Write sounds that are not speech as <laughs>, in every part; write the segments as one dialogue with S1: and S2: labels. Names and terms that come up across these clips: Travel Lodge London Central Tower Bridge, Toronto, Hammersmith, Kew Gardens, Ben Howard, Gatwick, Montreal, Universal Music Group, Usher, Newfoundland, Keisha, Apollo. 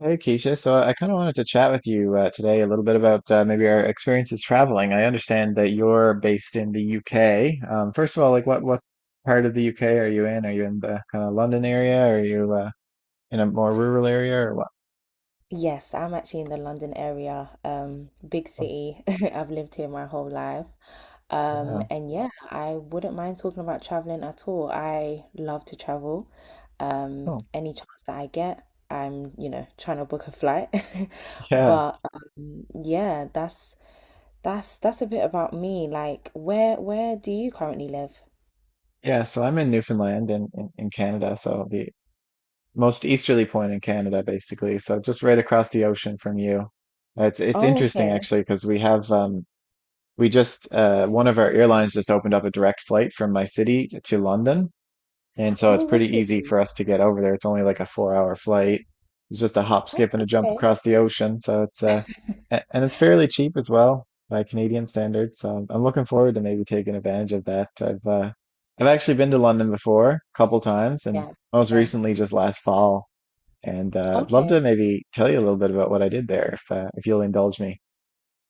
S1: Hey Keisha, so I kind of wanted to chat with you today a little bit about maybe our experiences traveling. I understand that you're based in the UK. First of all, like what part of the UK are you in? Are you in the kind of London area? Are you in a more rural area or what?
S2: Yes, I'm actually in the London area, big
S1: Oh.
S2: city. <laughs> I've lived here my whole life. Um,
S1: Yeah.
S2: and yeah, I wouldn't mind talking about traveling at all. I love to travel.
S1: Oh,
S2: Any chance that I get, I'm, you know, trying to book a flight. <laughs>
S1: yeah,
S2: But yeah, that's a bit about me. Like, where do you currently live?
S1: yeah. So I'm in Newfoundland in, in Canada, so the most easterly point in Canada, basically. So just right across the ocean from you. It's
S2: Oh,
S1: interesting
S2: okay.
S1: actually because we just one of our airlines just opened up a direct flight from my city to London, and so it's
S2: Oh,
S1: pretty easy
S2: really?
S1: for us to get over there. It's only like a four-hour flight. It's just a hop,
S2: Oh,
S1: skip, and a jump
S2: okay.
S1: across the ocean. So and it's fairly cheap as well by Canadian standards. So I'm looking forward to maybe taking advantage of that. I've actually been to London before, a couple times, and
S2: Yeah,
S1: most
S2: yeah.
S1: recently just last fall. And I'd love
S2: Okay.
S1: to maybe tell you a little bit about what I did there, if you'll indulge me.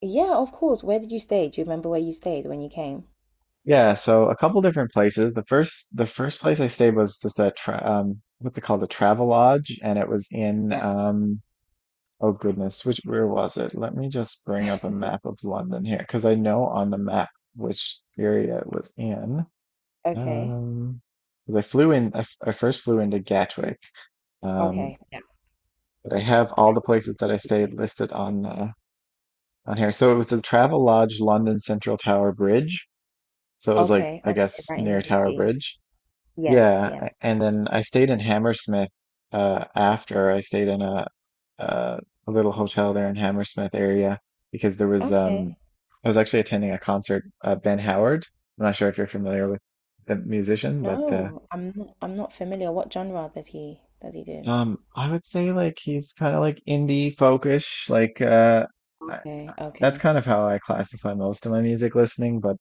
S2: Yeah, of course. Where did you stay? Do you remember where you stayed when you came?
S1: Yeah, so a couple different places. The first place I stayed was just a tra what's it called? A travel lodge, and it was in
S2: Yeah.
S1: oh goodness, which where was it? Let me just bring up a map of London here because I know on the map which area it was in.
S2: Okay.
S1: Um 'Cause I flew in I first flew into Gatwick. Um
S2: Okay. Yeah.
S1: but I have all the places that I stayed listed on here. So it was the Travel Lodge London Central Tower Bridge. So it was like
S2: Okay.
S1: I
S2: Okay.
S1: guess
S2: Right
S1: near
S2: in the
S1: Tower
S2: city.
S1: Bridge.
S2: Yes.
S1: Yeah,
S2: Yes.
S1: and then I stayed in Hammersmith after I stayed in uh, a little hotel there in Hammersmith area because there was
S2: Okay.
S1: I was actually attending a concert, Ben Howard. I'm not sure if you're familiar with the musician, but
S2: No, I'm not familiar. What genre did he do?
S1: I would say like he's kind of like indie folkish, I,
S2: Okay.
S1: that's
S2: Okay.
S1: kind of how I classify most of my music listening, but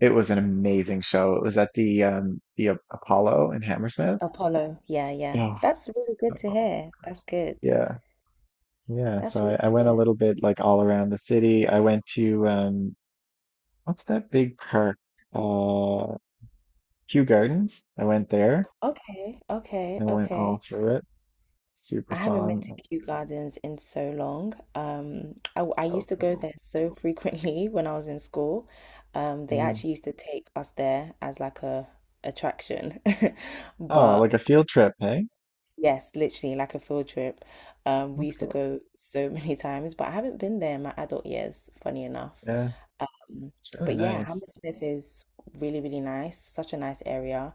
S1: it was an amazing show. It was at the Apollo in Hammersmith.
S2: Apollo. Yeah. Yeah.
S1: Oh,
S2: That's really good
S1: so
S2: to hear.
S1: good.
S2: That's good.
S1: Yeah, yeah.
S2: That's
S1: So
S2: really
S1: I went a
S2: good.
S1: little bit like all around the city. I went to what's that big park? Uh, Kew Gardens. I went there
S2: Okay. Okay.
S1: and went all
S2: Okay.
S1: through it. Super
S2: I haven't been
S1: fun.
S2: to
S1: And
S2: Kew Gardens in so long. I
S1: so
S2: used to go
S1: cool.
S2: there so frequently <laughs> when I was in school. They
S1: Mm.
S2: actually used to take us there as like a attraction. <laughs>
S1: Oh,
S2: But
S1: like a field trip, hey?
S2: yes, literally like a field trip. We
S1: That's
S2: used to
S1: cool.
S2: go so <laughs> many times, but I haven't been there in my adult years, funny enough.
S1: Yeah,
S2: Um,
S1: it's really
S2: but yeah,
S1: nice.
S2: Hammersmith is really, really nice, such a nice area.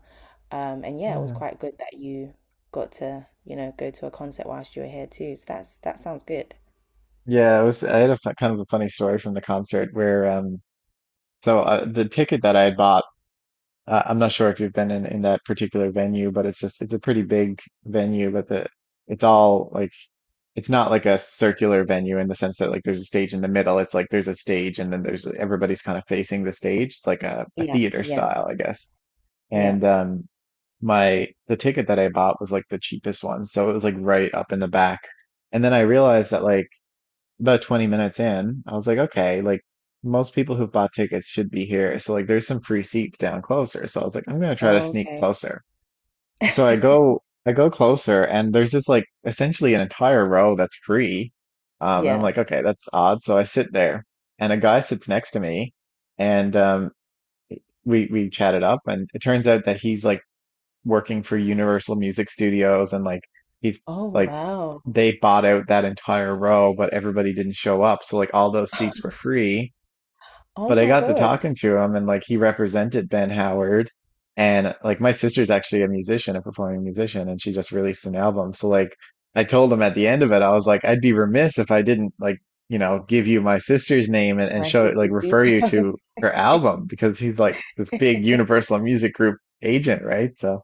S2: And yeah, it was
S1: Yeah.
S2: quite good that you got to, you know, go to a concert whilst you were here too. So that sounds good.
S1: Yeah, it was. I had a kind of a funny story from the concert where the ticket that I bought. I'm not sure if you've been in that particular venue, but it's a pretty big venue, but the it's all like it's not like a circular venue in the sense that like there's a stage in the middle. It's like there's a stage and then there's everybody's kind of facing the stage. It's like a
S2: Yeah,
S1: theater
S2: yeah,
S1: style, I guess.
S2: yeah.
S1: And my the ticket that I bought was like the cheapest one, so it was like right up in the back. And then I realized that like about 20 minutes in, I was like, okay, like most people who've bought tickets should be here. So like there's some free seats down closer. So I was like, I'm gonna try to
S2: Oh,
S1: sneak
S2: okay.
S1: closer. So
S2: <laughs>
S1: I go closer and there's this like essentially an entire row that's free. And I'm
S2: Yeah.
S1: like, okay, that's odd. So I sit there and a guy sits next to me and we chatted up and it turns out that he's like working for Universal Music Studios and he's
S2: Oh,
S1: like
S2: wow.
S1: they bought out that entire row, but everybody didn't show up. So like all those seats were
S2: <laughs>
S1: free.
S2: Oh
S1: But I
S2: my
S1: got to
S2: God.
S1: talking to him and like he represented Ben Howard. And like my sister's actually a musician, a performing musician, and she just released an album. So like I told him at the end of it, I was like, I'd be remiss if I didn't like, you know, give you my sister's name and
S2: My
S1: show it, like
S2: sister's deep
S1: refer you
S2: house.
S1: to her album because he's like this big
S2: <laughs>
S1: Universal Music Group agent, right? So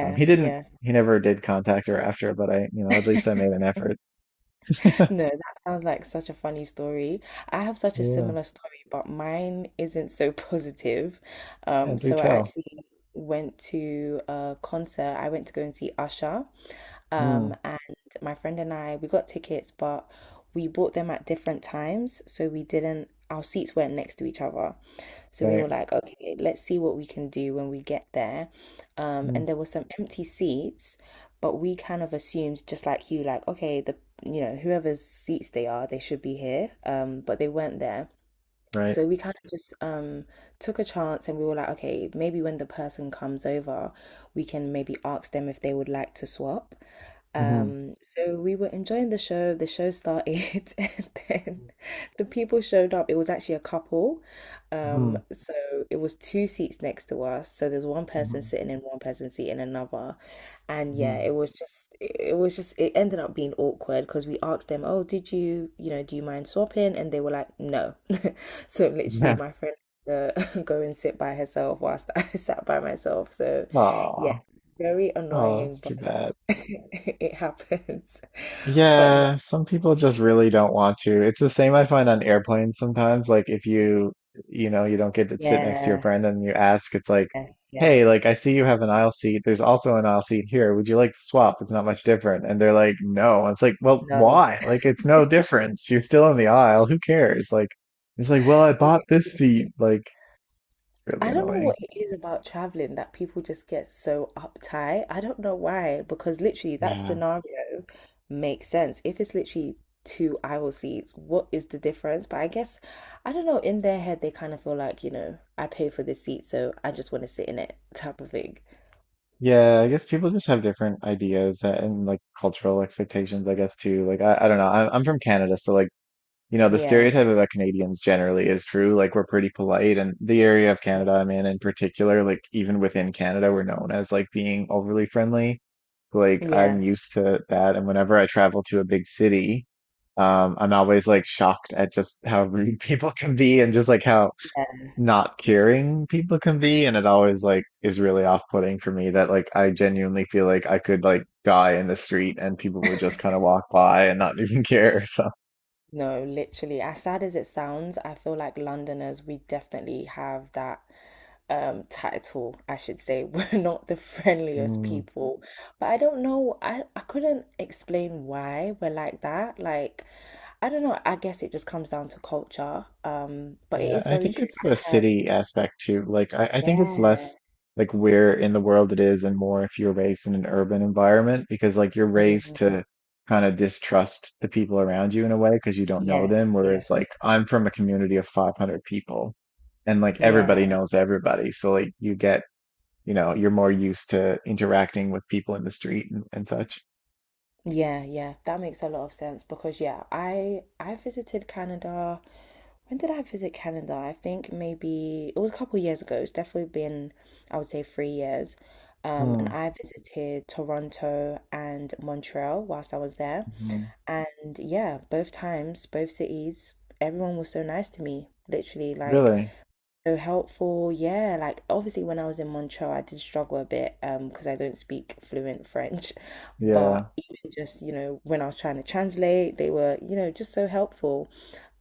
S1: he didn't,
S2: yeah.
S1: he never did contact her after, but I, you know, at least I made an
S2: <laughs>
S1: effort.
S2: No, that sounds like such a funny story. I have such a
S1: Yeah,
S2: similar story, but mine isn't so <laughs> positive.
S1: yeah, do
S2: So I
S1: tell.
S2: actually went to a concert. I went to go and see Usher. Um,
S1: Mm,
S2: and my friend and I, we got tickets, but we bought them at different times. So we didn't, Our seats weren't next to each other. So we were
S1: right.
S2: like, okay, let's see what we can do when we get there. Um,
S1: Mm,
S2: and there were some empty seats, but we kind of assumed, just like you, like, okay, the, you know, whoever's seats they are, they should be here, but they weren't there.
S1: right.
S2: So we kind of just took a chance, and we were like, okay, maybe when the person comes over, we can maybe ask them if they would like to swap.
S1: Mm-hmm.
S2: So we were enjoying the show, the show started, <laughs> and then the people showed up. It was actually a couple. um,
S1: Mm-hmm.
S2: so it was two seats next to us. So there's one person sitting in one, person seat in another. And
S1: Mm-hmm.
S2: yeah, it was just it it was just it ended up being awkward because we asked them, "Oh, did you, you know, do you mind swapping?" And they were like, "No." <laughs> So literally
S1: Yeah.
S2: my friend had to <laughs> go and sit by herself whilst I <laughs> sat by myself. So
S1: <laughs>
S2: yeah,
S1: Aw.
S2: very
S1: Oh,
S2: annoying,
S1: that's
S2: but
S1: too bad.
S2: <laughs> it happens. But no.
S1: Yeah, some people just really don't want to. It's the same I find on airplanes sometimes. Like if you, you know, you don't get to sit next to your
S2: Yeah,
S1: friend and you ask, it's like,
S2: yes,
S1: hey,
S2: yes.
S1: like I see you have an aisle seat. There's also an aisle seat here. Would you like to swap? It's not much different. And they're like, no. And it's like, well,
S2: No.
S1: why? Like it's no difference. You're still in the aisle. Who cares? Like it's like, well, I bought this seat.
S2: <laughs>
S1: Like it's really
S2: I don't know
S1: annoying.
S2: what it is about traveling that people just get so uptight. I don't know why, because literally that
S1: Yeah.
S2: scenario makes sense. If it's literally two aisle seats, what is the difference? But I guess, I don't know, in their head, they kind of feel like, you know, I pay for this seat, so I just want to sit in it type of thing.
S1: Yeah, I guess people just have different ideas and like cultural expectations, I guess too. I don't know. I'm from Canada, so like you know, the
S2: Yeah.
S1: stereotype about Canadians generally is true. Like we're pretty polite, and the area of
S2: Yeah.
S1: Canada I'm in particular, like even within Canada, we're known as like being overly friendly. Like I'm used to that, and whenever I travel to a big city, I'm always like shocked at just how <laughs> rude people can be, and just like how
S2: Yeah.
S1: not caring people can be, and it always like is really off-putting for me that like I genuinely feel like I could like die in the street and people would just kind of walk by and not <laughs> even care. So.
S2: No, literally. As sad as it sounds, I feel like Londoners, we definitely have that title, I should say. <laughs> We're not the friendliest
S1: Mm.
S2: people. But I don't know, I couldn't explain why we're like that. Like, I don't know, I guess it just comes down to culture. But it
S1: Yeah,
S2: is
S1: I
S2: very
S1: think
S2: true.
S1: it's the
S2: I have,
S1: city aspect too. I think it's
S2: yeah.
S1: less like where in the world it is and more if you're raised in an urban environment because, like, you're raised
S2: Mm,
S1: to kind of distrust the people around you in a way because you don't know them.
S2: yes,
S1: Whereas,
S2: yes.
S1: like, I'm from a community of 500 people and, like, everybody
S2: Yeah.
S1: knows everybody. So, like, you get, you know, you're more used to interacting with people in the street and such.
S2: Yeah, yeah, that makes a lot of sense because yeah, I visited Canada. When did I visit Canada? I think maybe it was a couple of years ago. It's definitely been, I would say, 3 years. And I visited Toronto and Montreal whilst I was there.
S1: Mm-hmm.
S2: And yeah, both times, both cities, everyone was so nice to me. Literally, like
S1: Really?
S2: so helpful. Yeah, like obviously when I was in Montreal, I did struggle a bit because I don't speak fluent <laughs> French, but
S1: Yeah.
S2: even just, you know, when I was trying to translate, they were, you know, just so helpful.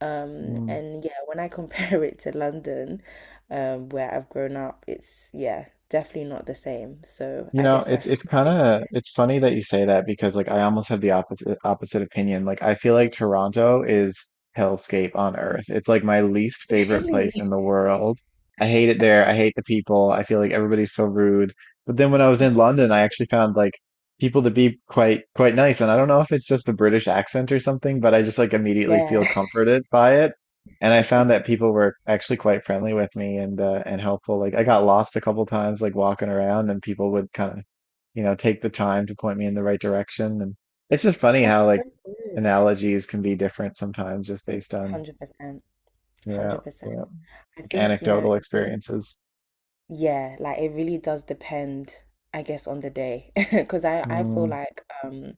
S2: And yeah, when I compare <laughs> it to London, where I've grown up, it's yeah, definitely not the same. So
S1: You
S2: I
S1: know,
S2: guess that's <laughs>
S1: it's kind
S2: something.
S1: of it's funny that you say that because like I almost have the opposite opinion. Like I feel like Toronto is hellscape on earth. It's like my least favorite
S2: Really?
S1: place in the world. I hate it there. I hate the people. I feel like everybody's so rude. But then when I was in London, I actually found like people to be quite nice. And I don't know if it's just the British accent or something, but I just like immediately
S2: Yeah.
S1: feel comforted by it and I found that people were actually quite friendly with me and helpful. Like I got lost a couple times, like walking around, and people would kind of, you know, take the time to point me in the right direction. And it's just
S2: <laughs>
S1: funny
S2: That's
S1: how like
S2: so good.
S1: analogies can be different sometimes, just based on
S2: 100%.
S1: yeah, yeah,
S2: 100%. I
S1: like
S2: think, you know,
S1: anecdotal
S2: if
S1: experiences.
S2: Yeah, like it really does depend, I guess, on the day. <laughs> Because I feel
S1: Mm,
S2: like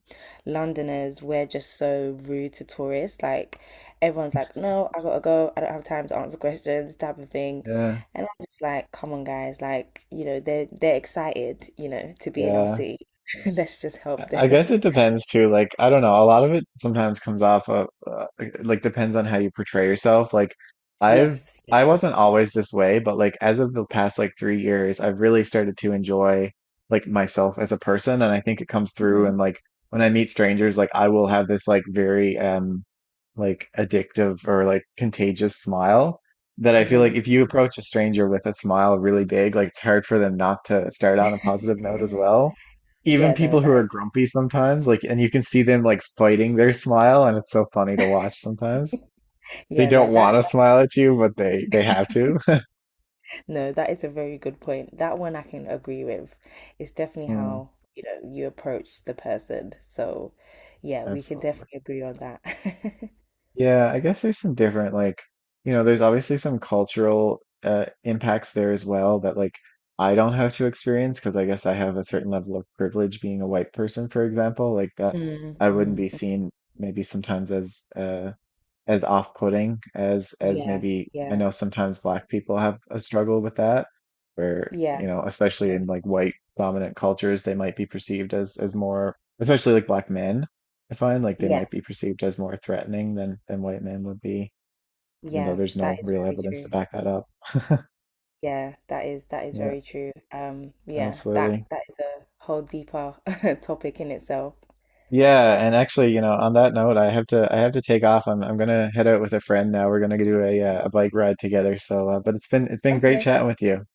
S2: Londoners, we're just so rude to tourists. Like everyone's like, no, I gotta go. I don't have time to answer <laughs> questions, type of thing.
S1: yeah,
S2: And I'm just like, come on, guys. Like, you know, they're excited, you know, to be in our
S1: yeah.
S2: city. <laughs> Let's just
S1: I
S2: help
S1: I
S2: them.
S1: guess
S2: <laughs>
S1: it depends too. Like, I don't know. A lot of it sometimes comes off of, like, depends on how you portray yourself. I've,
S2: Yes.
S1: I wasn't always this way, but like, as of the past like 3 years, I've really started to enjoy like myself as a person. And I think it comes through.
S2: Hmm.
S1: And like, when I meet strangers, like, I will have this like very, like addictive or like contagious smile that I feel like
S2: Hmm.
S1: if you approach a stranger with a smile really big, like it's hard for them not to start on a positive note as well. Even
S2: Yeah, no,
S1: people who are
S2: that
S1: grumpy sometimes, like, and you can see them like fighting their smile, and it's so funny to watch
S2: is.
S1: sometimes.
S2: <laughs>
S1: They
S2: Yeah, no,
S1: don't want
S2: that.
S1: to smile at you, but they have to. <laughs>
S2: No, that is a very good point. That one I can agree with. It's definitely
S1: Mm,
S2: how, you know, you approach the person. So, yeah, we can
S1: absolutely.
S2: definitely agree on that. <laughs>
S1: Yeah, I guess there's some different like, you know, there's obviously some cultural impacts there as well that like I don't have to experience because I guess I have a certain level of privilege being a white person, for example, like that
S2: Mm,
S1: I wouldn't
S2: mm,
S1: be
S2: mm.
S1: seen maybe sometimes as off-putting as
S2: Yeah,
S1: maybe I
S2: yeah,
S1: know sometimes black people have a struggle with that, where
S2: yeah,
S1: you know, especially
S2: yeah,
S1: in like white dominant cultures, they might be perceived as more, especially like black men. I find like they
S2: yeah,
S1: might be perceived as more threatening than white men would be, even though
S2: yeah.
S1: there's
S2: That
S1: no
S2: is
S1: real
S2: very
S1: evidence to
S2: true.
S1: back that up. <laughs>
S2: Yeah, that is
S1: Yeah,
S2: very true. Yeah, that
S1: absolutely.
S2: that is a whole deeper <laughs> topic in itself.
S1: Yeah, and actually, you know, on that note, I have to take off. I'm gonna head out with a friend now. We're gonna do a bike ride together. So, but it's been great
S2: Okay.
S1: chatting with you.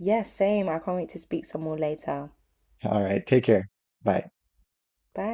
S2: Yeah, same. I can't wait to speak some more later.
S1: All right. Take care. Bye.
S2: Bye.